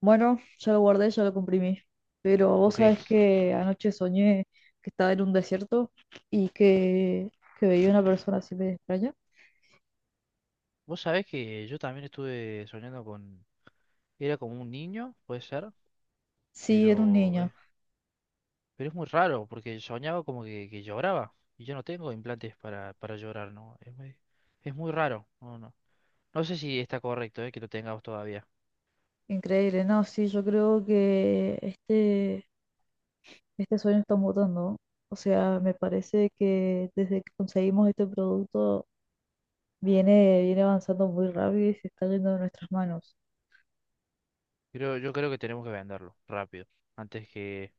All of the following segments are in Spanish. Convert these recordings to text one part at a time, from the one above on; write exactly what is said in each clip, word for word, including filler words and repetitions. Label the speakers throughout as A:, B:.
A: Bueno, ya lo guardé, ya lo comprimí. Pero vos
B: Ok,
A: sabés que anoche soñé que estaba en un desierto y que, que veía una persona así de extraña.
B: vos sabés que yo también estuve soñando con... Era como un niño, puede ser,
A: Sí, era un
B: pero,
A: niño.
B: eh, pero es muy raro porque soñaba como que, que lloraba y yo no tengo implantes para, para llorar, ¿no? Es muy, es muy raro, no, no. No sé si está correcto, eh, que lo tengamos todavía,
A: Increíble. No, sí, yo creo que este, este sueño está mutando. O sea, me parece que desde que conseguimos este producto viene, viene avanzando muy rápido y se está yendo de nuestras manos.
B: pero yo creo que tenemos que venderlo rápido, antes que,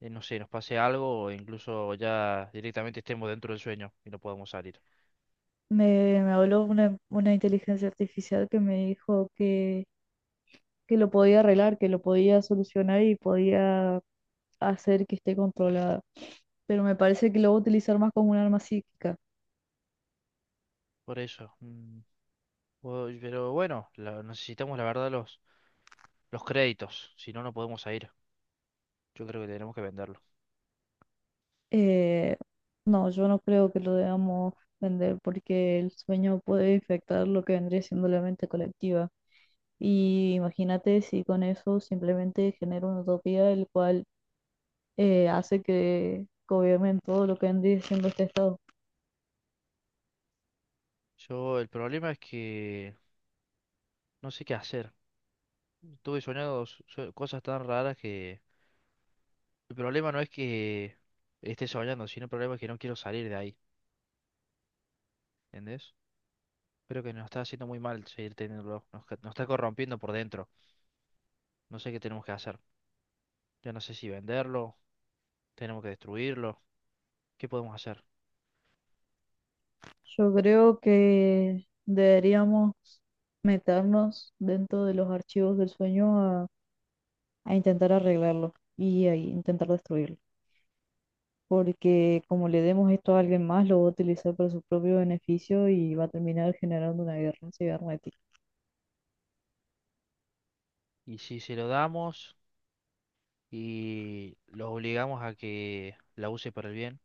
B: eh, no sé, nos pase algo o incluso ya directamente estemos dentro del sueño y no podamos salir.
A: Me, me habló una, una inteligencia artificial que me dijo que lo podía arreglar, que lo podía solucionar y podía hacer que esté controlada. Pero me parece que lo va a utilizar más como un arma psíquica.
B: Por eso, mm, o- pero bueno, la- necesitamos la verdad los... Los créditos, si no, no podemos ir. Yo creo que tenemos que venderlo.
A: Eh, no, yo no creo que lo debamos vender porque el sueño puede infectar lo que vendría siendo la mente colectiva. Y imagínate si con eso simplemente genera una utopía el cual eh, hace que gobiernen todo lo que vendría siendo este estado.
B: Yo, el problema es que no sé qué hacer. Estuve soñando s- so- cosas tan raras que el problema no es que esté soñando, sino el problema es que no quiero salir de ahí. ¿Entendés? Creo que nos está haciendo muy mal seguir teniéndolo. Nos, ca- nos está corrompiendo por dentro. No sé qué tenemos que hacer. Ya no sé si venderlo, tenemos que destruirlo. ¿Qué podemos hacer?
A: Yo creo que deberíamos meternos dentro de los archivos del sueño a, a intentar arreglarlo y a intentar destruirlo. Porque como le demos esto a alguien más, lo va a utilizar para su propio beneficio y va a terminar generando una guerra cibernética.
B: Y si se lo damos y los obligamos a que la use para el bien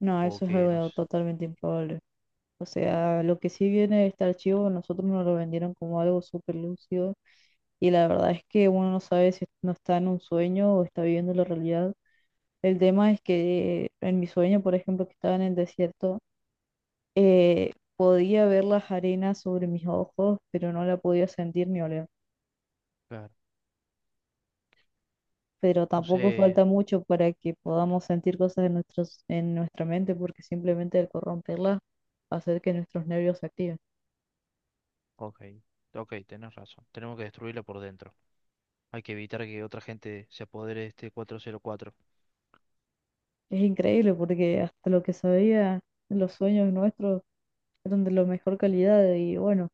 A: No,
B: o
A: eso es
B: que
A: algo
B: nos...
A: totalmente improbable. O sea, lo que sí viene de este archivo, nosotros nos lo vendieron como algo súper lúcido y la verdad es que uno no sabe si no está en un sueño o está viviendo la realidad. El tema es que en mi sueño, por ejemplo, que estaba en el desierto, eh, podía ver las arenas sobre mis ojos, pero no la podía sentir ni oler.
B: Claro.
A: Pero
B: No
A: tampoco
B: sé.
A: falta mucho para que podamos sentir cosas en nuestros, en nuestra mente, porque simplemente el corromperlas hacer que nuestros nervios se activen.
B: Ok. Ok, tenés razón. Tenemos que destruirla por dentro. Hay que evitar que otra gente se apodere de este cuatro cero cuatro.
A: Es increíble porque hasta lo que sabía, los sueños nuestros eran de la mejor calidad y bueno,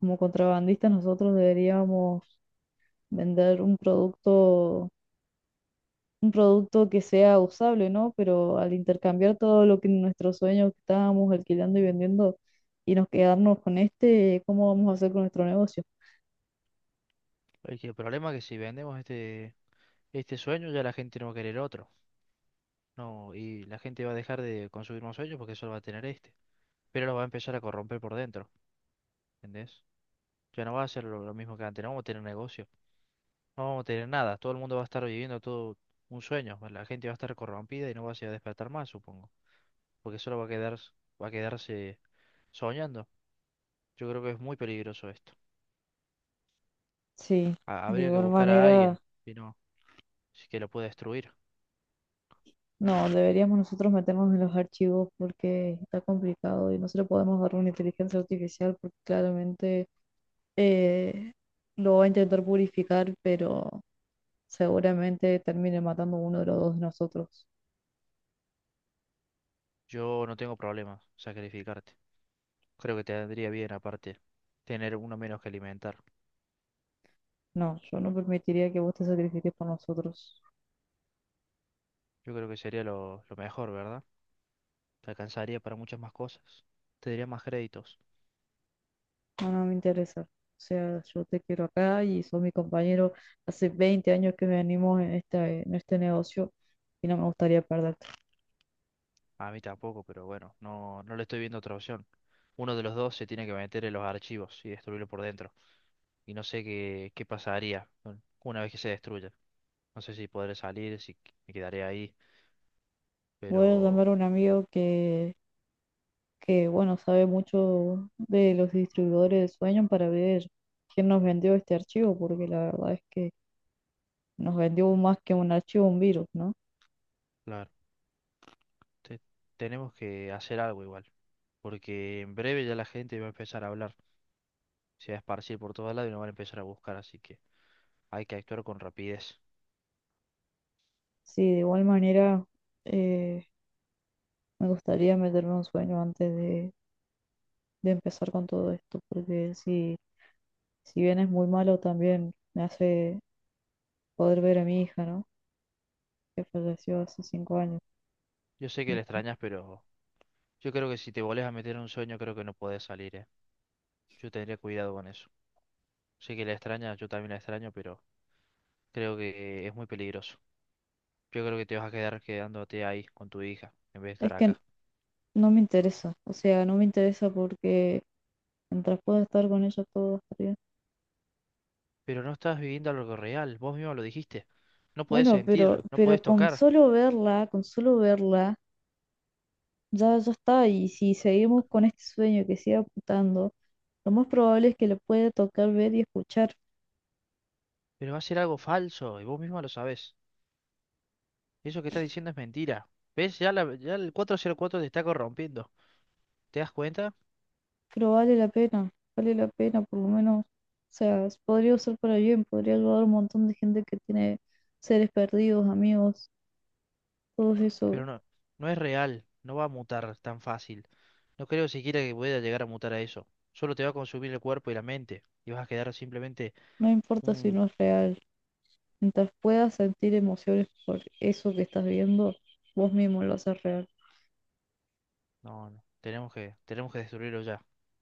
A: como contrabandistas nosotros deberíamos vender un producto un producto que sea usable, ¿no? Pero al intercambiar todo lo que nuestros sueños que estábamos alquilando y vendiendo y nos quedarnos con este, ¿cómo vamos a hacer con nuestro negocio?
B: El que- el problema es que si vendemos este, este sueño, ya la gente no va a querer otro. No, y la gente va a dejar de consumir más sueños porque solo va a tener este. Pero lo va a empezar a corromper por dentro. ¿Entendés? Ya no va a ser lo, lo mismo que antes. No vamos a tener negocio. No vamos a tener nada. Todo el mundo va a estar viviendo todo un sueño. La gente va a estar corrompida y no va a se va a despertar más, supongo. Porque solo va a quedar, va a quedarse soñando. Yo creo que es muy peligroso esto.
A: Sí,
B: Ha-
A: de
B: Habría que
A: igual
B: buscar a
A: manera,
B: alguien, si no, si que lo pueda destruir.
A: no, deberíamos nosotros meternos en los archivos porque está complicado y no se le podemos dar una inteligencia artificial porque claramente eh, lo va a intentar purificar, pero seguramente termine matando a uno de los dos de nosotros.
B: Yo no tengo problema sacrificarte. Creo que te vendría bien, aparte, tener uno menos que alimentar.
A: No, yo no permitiría que vos te sacrifiques por nosotros.
B: Yo creo que sería lo, lo mejor, ¿verdad? Te alcanzaría para muchas más cosas. Te daría más créditos.
A: No, no me interesa. O sea, yo te quiero acá y sos mi compañero. Hace veinte años que venimos en esta, en este negocio y no me gustaría perderte.
B: A mí tampoco, pero bueno, no, no le estoy viendo otra opción. Uno de los dos se tiene que meter en los archivos y destruirlo por dentro. Y no sé qué, qué pasaría con- una vez que se destruya. No sé si podré salir, si qu- me quedaré ahí,
A: Voy a
B: pero...
A: llamar a un amigo que, que, bueno, sabe mucho de los distribuidores de sueños para ver quién nos vendió este archivo, porque la verdad es que nos vendió más que un archivo, un virus, ¿no?
B: Claro. te- tenemos que hacer algo igual, porque en breve ya la gente va a empezar a hablar, se va a esparcir por todos lados y nos van a empezar a buscar, así que hay que actuar con rapidez.
A: Sí, de igual manera, eh, me gustaría meterme un sueño antes de, de empezar con todo esto, porque si si bien es muy malo también, me hace poder ver a mi hija, ¿no? Que falleció hace cinco años.
B: Yo sé que
A: ¿No?
B: le extrañas, pero yo creo que si te volvés a meter en un sueño, creo que no podés salir, ¿eh? Yo tendría cuidado con eso. Sé que la extrañas, yo también la extraño, pero creo que es muy peligroso. Yo creo que te vas a quedar quedándote ahí con tu hija, en vez de
A: Es
B: estar
A: que
B: acá.
A: no me interesa, o sea, no me interesa porque mientras pueda estar con ella todo está bien.
B: Pero no estás viviendo algo real, vos mismo lo dijiste. No podés
A: Bueno,
B: sentir,
A: pero,
B: no podés
A: pero con
B: tocar,
A: solo verla, con solo verla, ya, ya está. Y si seguimos con este sueño que sigue apuntando, lo más probable es que lo pueda tocar, ver y escuchar.
B: pero va a ser algo falso y vos mismo lo sabés. Eso que estás diciendo es mentira. ¿Ves? Ya, la- ya el cuatro cero cuatro te está corrompiendo. ¿Te das cuenta?
A: Pero vale la pena, vale la pena, por lo menos, o sea, s- podría usar para bien, podría ayudar a un montón de gente que tiene seres perdidos, amigos, todo eso,
B: Pero no, no es real. No va a mutar tan fácil. No creo siquiera que pueda llegar a mutar a eso. Solo te va a consumir el cuerpo y la mente. Y vas a quedar simplemente
A: no importa si
B: un...
A: no es real, mientras puedas sentir emociones por eso que estás viendo, vos mismo lo haces real.
B: No, no. Tenemos que, tenemos que destruirlo ya.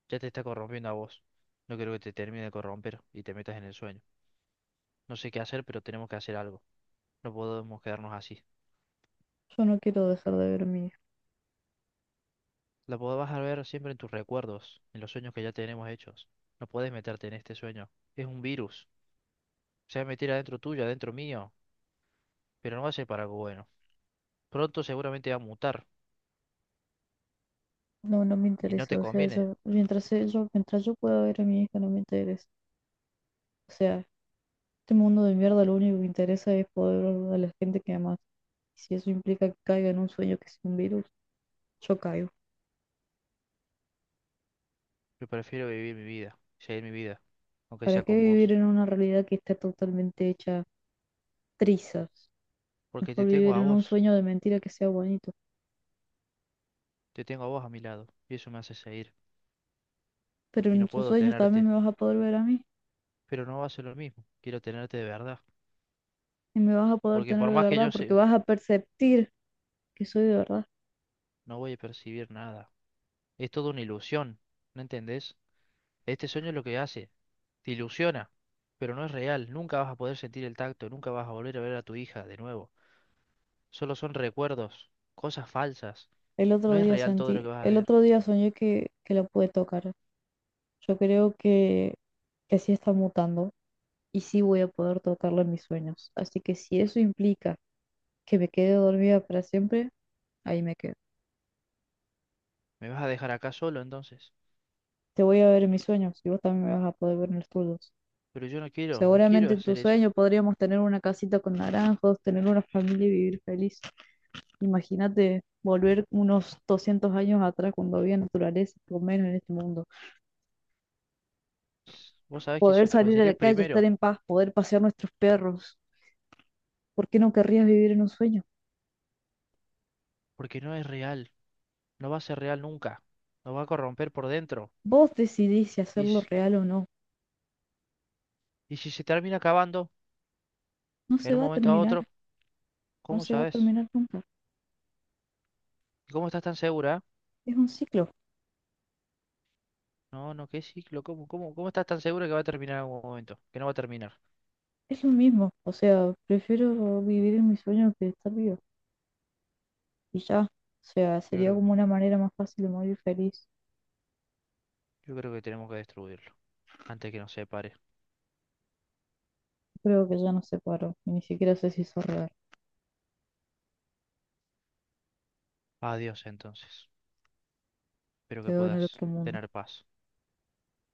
B: Ya te está corrompiendo a vos. No quiero que te termine de corromper y te metas en el sueño. No sé qué hacer, pero tenemos que hacer algo. No podemos quedarnos así.
A: Yo no quiero dejar de ver a mi hija,
B: La podrás ver siempre en tus recuerdos, en los sueños que ya tenemos hechos. No puedes meterte en este sueño. Es un virus. Se va a meter adentro tuyo, adentro mío, pero no va a ser para algo bueno. Pronto seguramente va a mutar
A: no, no me
B: y no
A: interesa,
B: te
A: o sea,
B: conviene.
A: yo, mientras yo, mientras yo pueda ver a mi hija, no me interesa, o sea, este mundo de mierda lo único que interesa es poder ver a la gente que amas. Si eso implica que caiga en un sueño que es un virus, yo caigo.
B: Yo prefiero vivir mi vida, seguir mi vida, aunque
A: ¿Para
B: sea
A: qué
B: con
A: vivir
B: vos,
A: en una realidad que está totalmente hecha trizas?
B: porque
A: Mejor
B: te tengo
A: vivir
B: a
A: en un
B: vos,
A: sueño de mentira que sea bonito.
B: te tengo a vos a mi lado y eso me hace seguir.
A: Pero
B: Y no
A: en tus
B: puedo
A: sueños también
B: tenerte,
A: me vas a poder ver a mí
B: pero no va a ser lo mismo. Quiero tenerte de verdad,
A: y me vas a poder
B: porque
A: tener
B: por
A: de
B: más que
A: verdad
B: yo
A: porque
B: sé,
A: vas a perceptir que soy de verdad.
B: no voy a percibir nada. Es toda una ilusión, ¿no entendés? Este sueño es lo que hace. Te ilusiona, pero no es real. Nunca vas a poder sentir el tacto, nunca vas a volver a ver a tu hija de nuevo. Solo son recuerdos, cosas falsas.
A: El
B: No
A: otro
B: es
A: día
B: real todo
A: sentí,
B: lo que vas a
A: el
B: ver.
A: otro día soñé que, que la pude tocar. Yo creo que, que sí está mutando y sí voy a poder tocarla en mis sueños. Así que si eso implica que me quede dormida para siempre, ahí me quedo.
B: ¿Me vas a dejar acá solo entonces?
A: Te voy a ver en mis sueños y vos también me vas a poder ver en los tuyos.
B: Pero yo no quiero, no quiero
A: Seguramente en tu
B: hacer eso.
A: sueño podríamos tener una casita con naranjos, tener una familia y vivir feliz. Imagínate volver unos doscientos años atrás cuando había naturaleza, por lo menos en este mundo.
B: S- Vos sabés que
A: Poder
B: eso fue-
A: salir a
B: sería
A: la
B: el
A: calle, estar
B: primero,
A: en paz, poder pasear nuestros perros. ¿Por qué no querrías vivir en un sueño?
B: porque no es real. No va a ser real nunca. Nos va a corromper por dentro.
A: Vos decidís si
B: Y,
A: hacerlo
B: s-
A: real o no.
B: y si se termina acabando,
A: No se
B: en un
A: va a
B: momento a
A: terminar,
B: otro,
A: no
B: ¿cómo
A: se va a
B: sabes?
A: terminar nunca.
B: ¿Cómo estás tan segura?
A: Es un ciclo,
B: No, no, qué ciclo, ¿cómo, cómo, cómo estás tan segura que va a terminar en algún momento? Que no va a terminar.
A: es lo mismo. O sea, prefiero vivir en mi sueño que estar vivo. Y ya, o sea,
B: Yo
A: sería
B: creo
A: como una manera más fácil de morir feliz.
B: Yo creo que tenemos que destruirlo antes que nos separe.
A: Creo que ya no se paró. Y ni siquiera sé si hizo real.
B: Adiós entonces. Espero
A: Te
B: que
A: veo en el
B: puedas
A: otro mundo.
B: tener paz.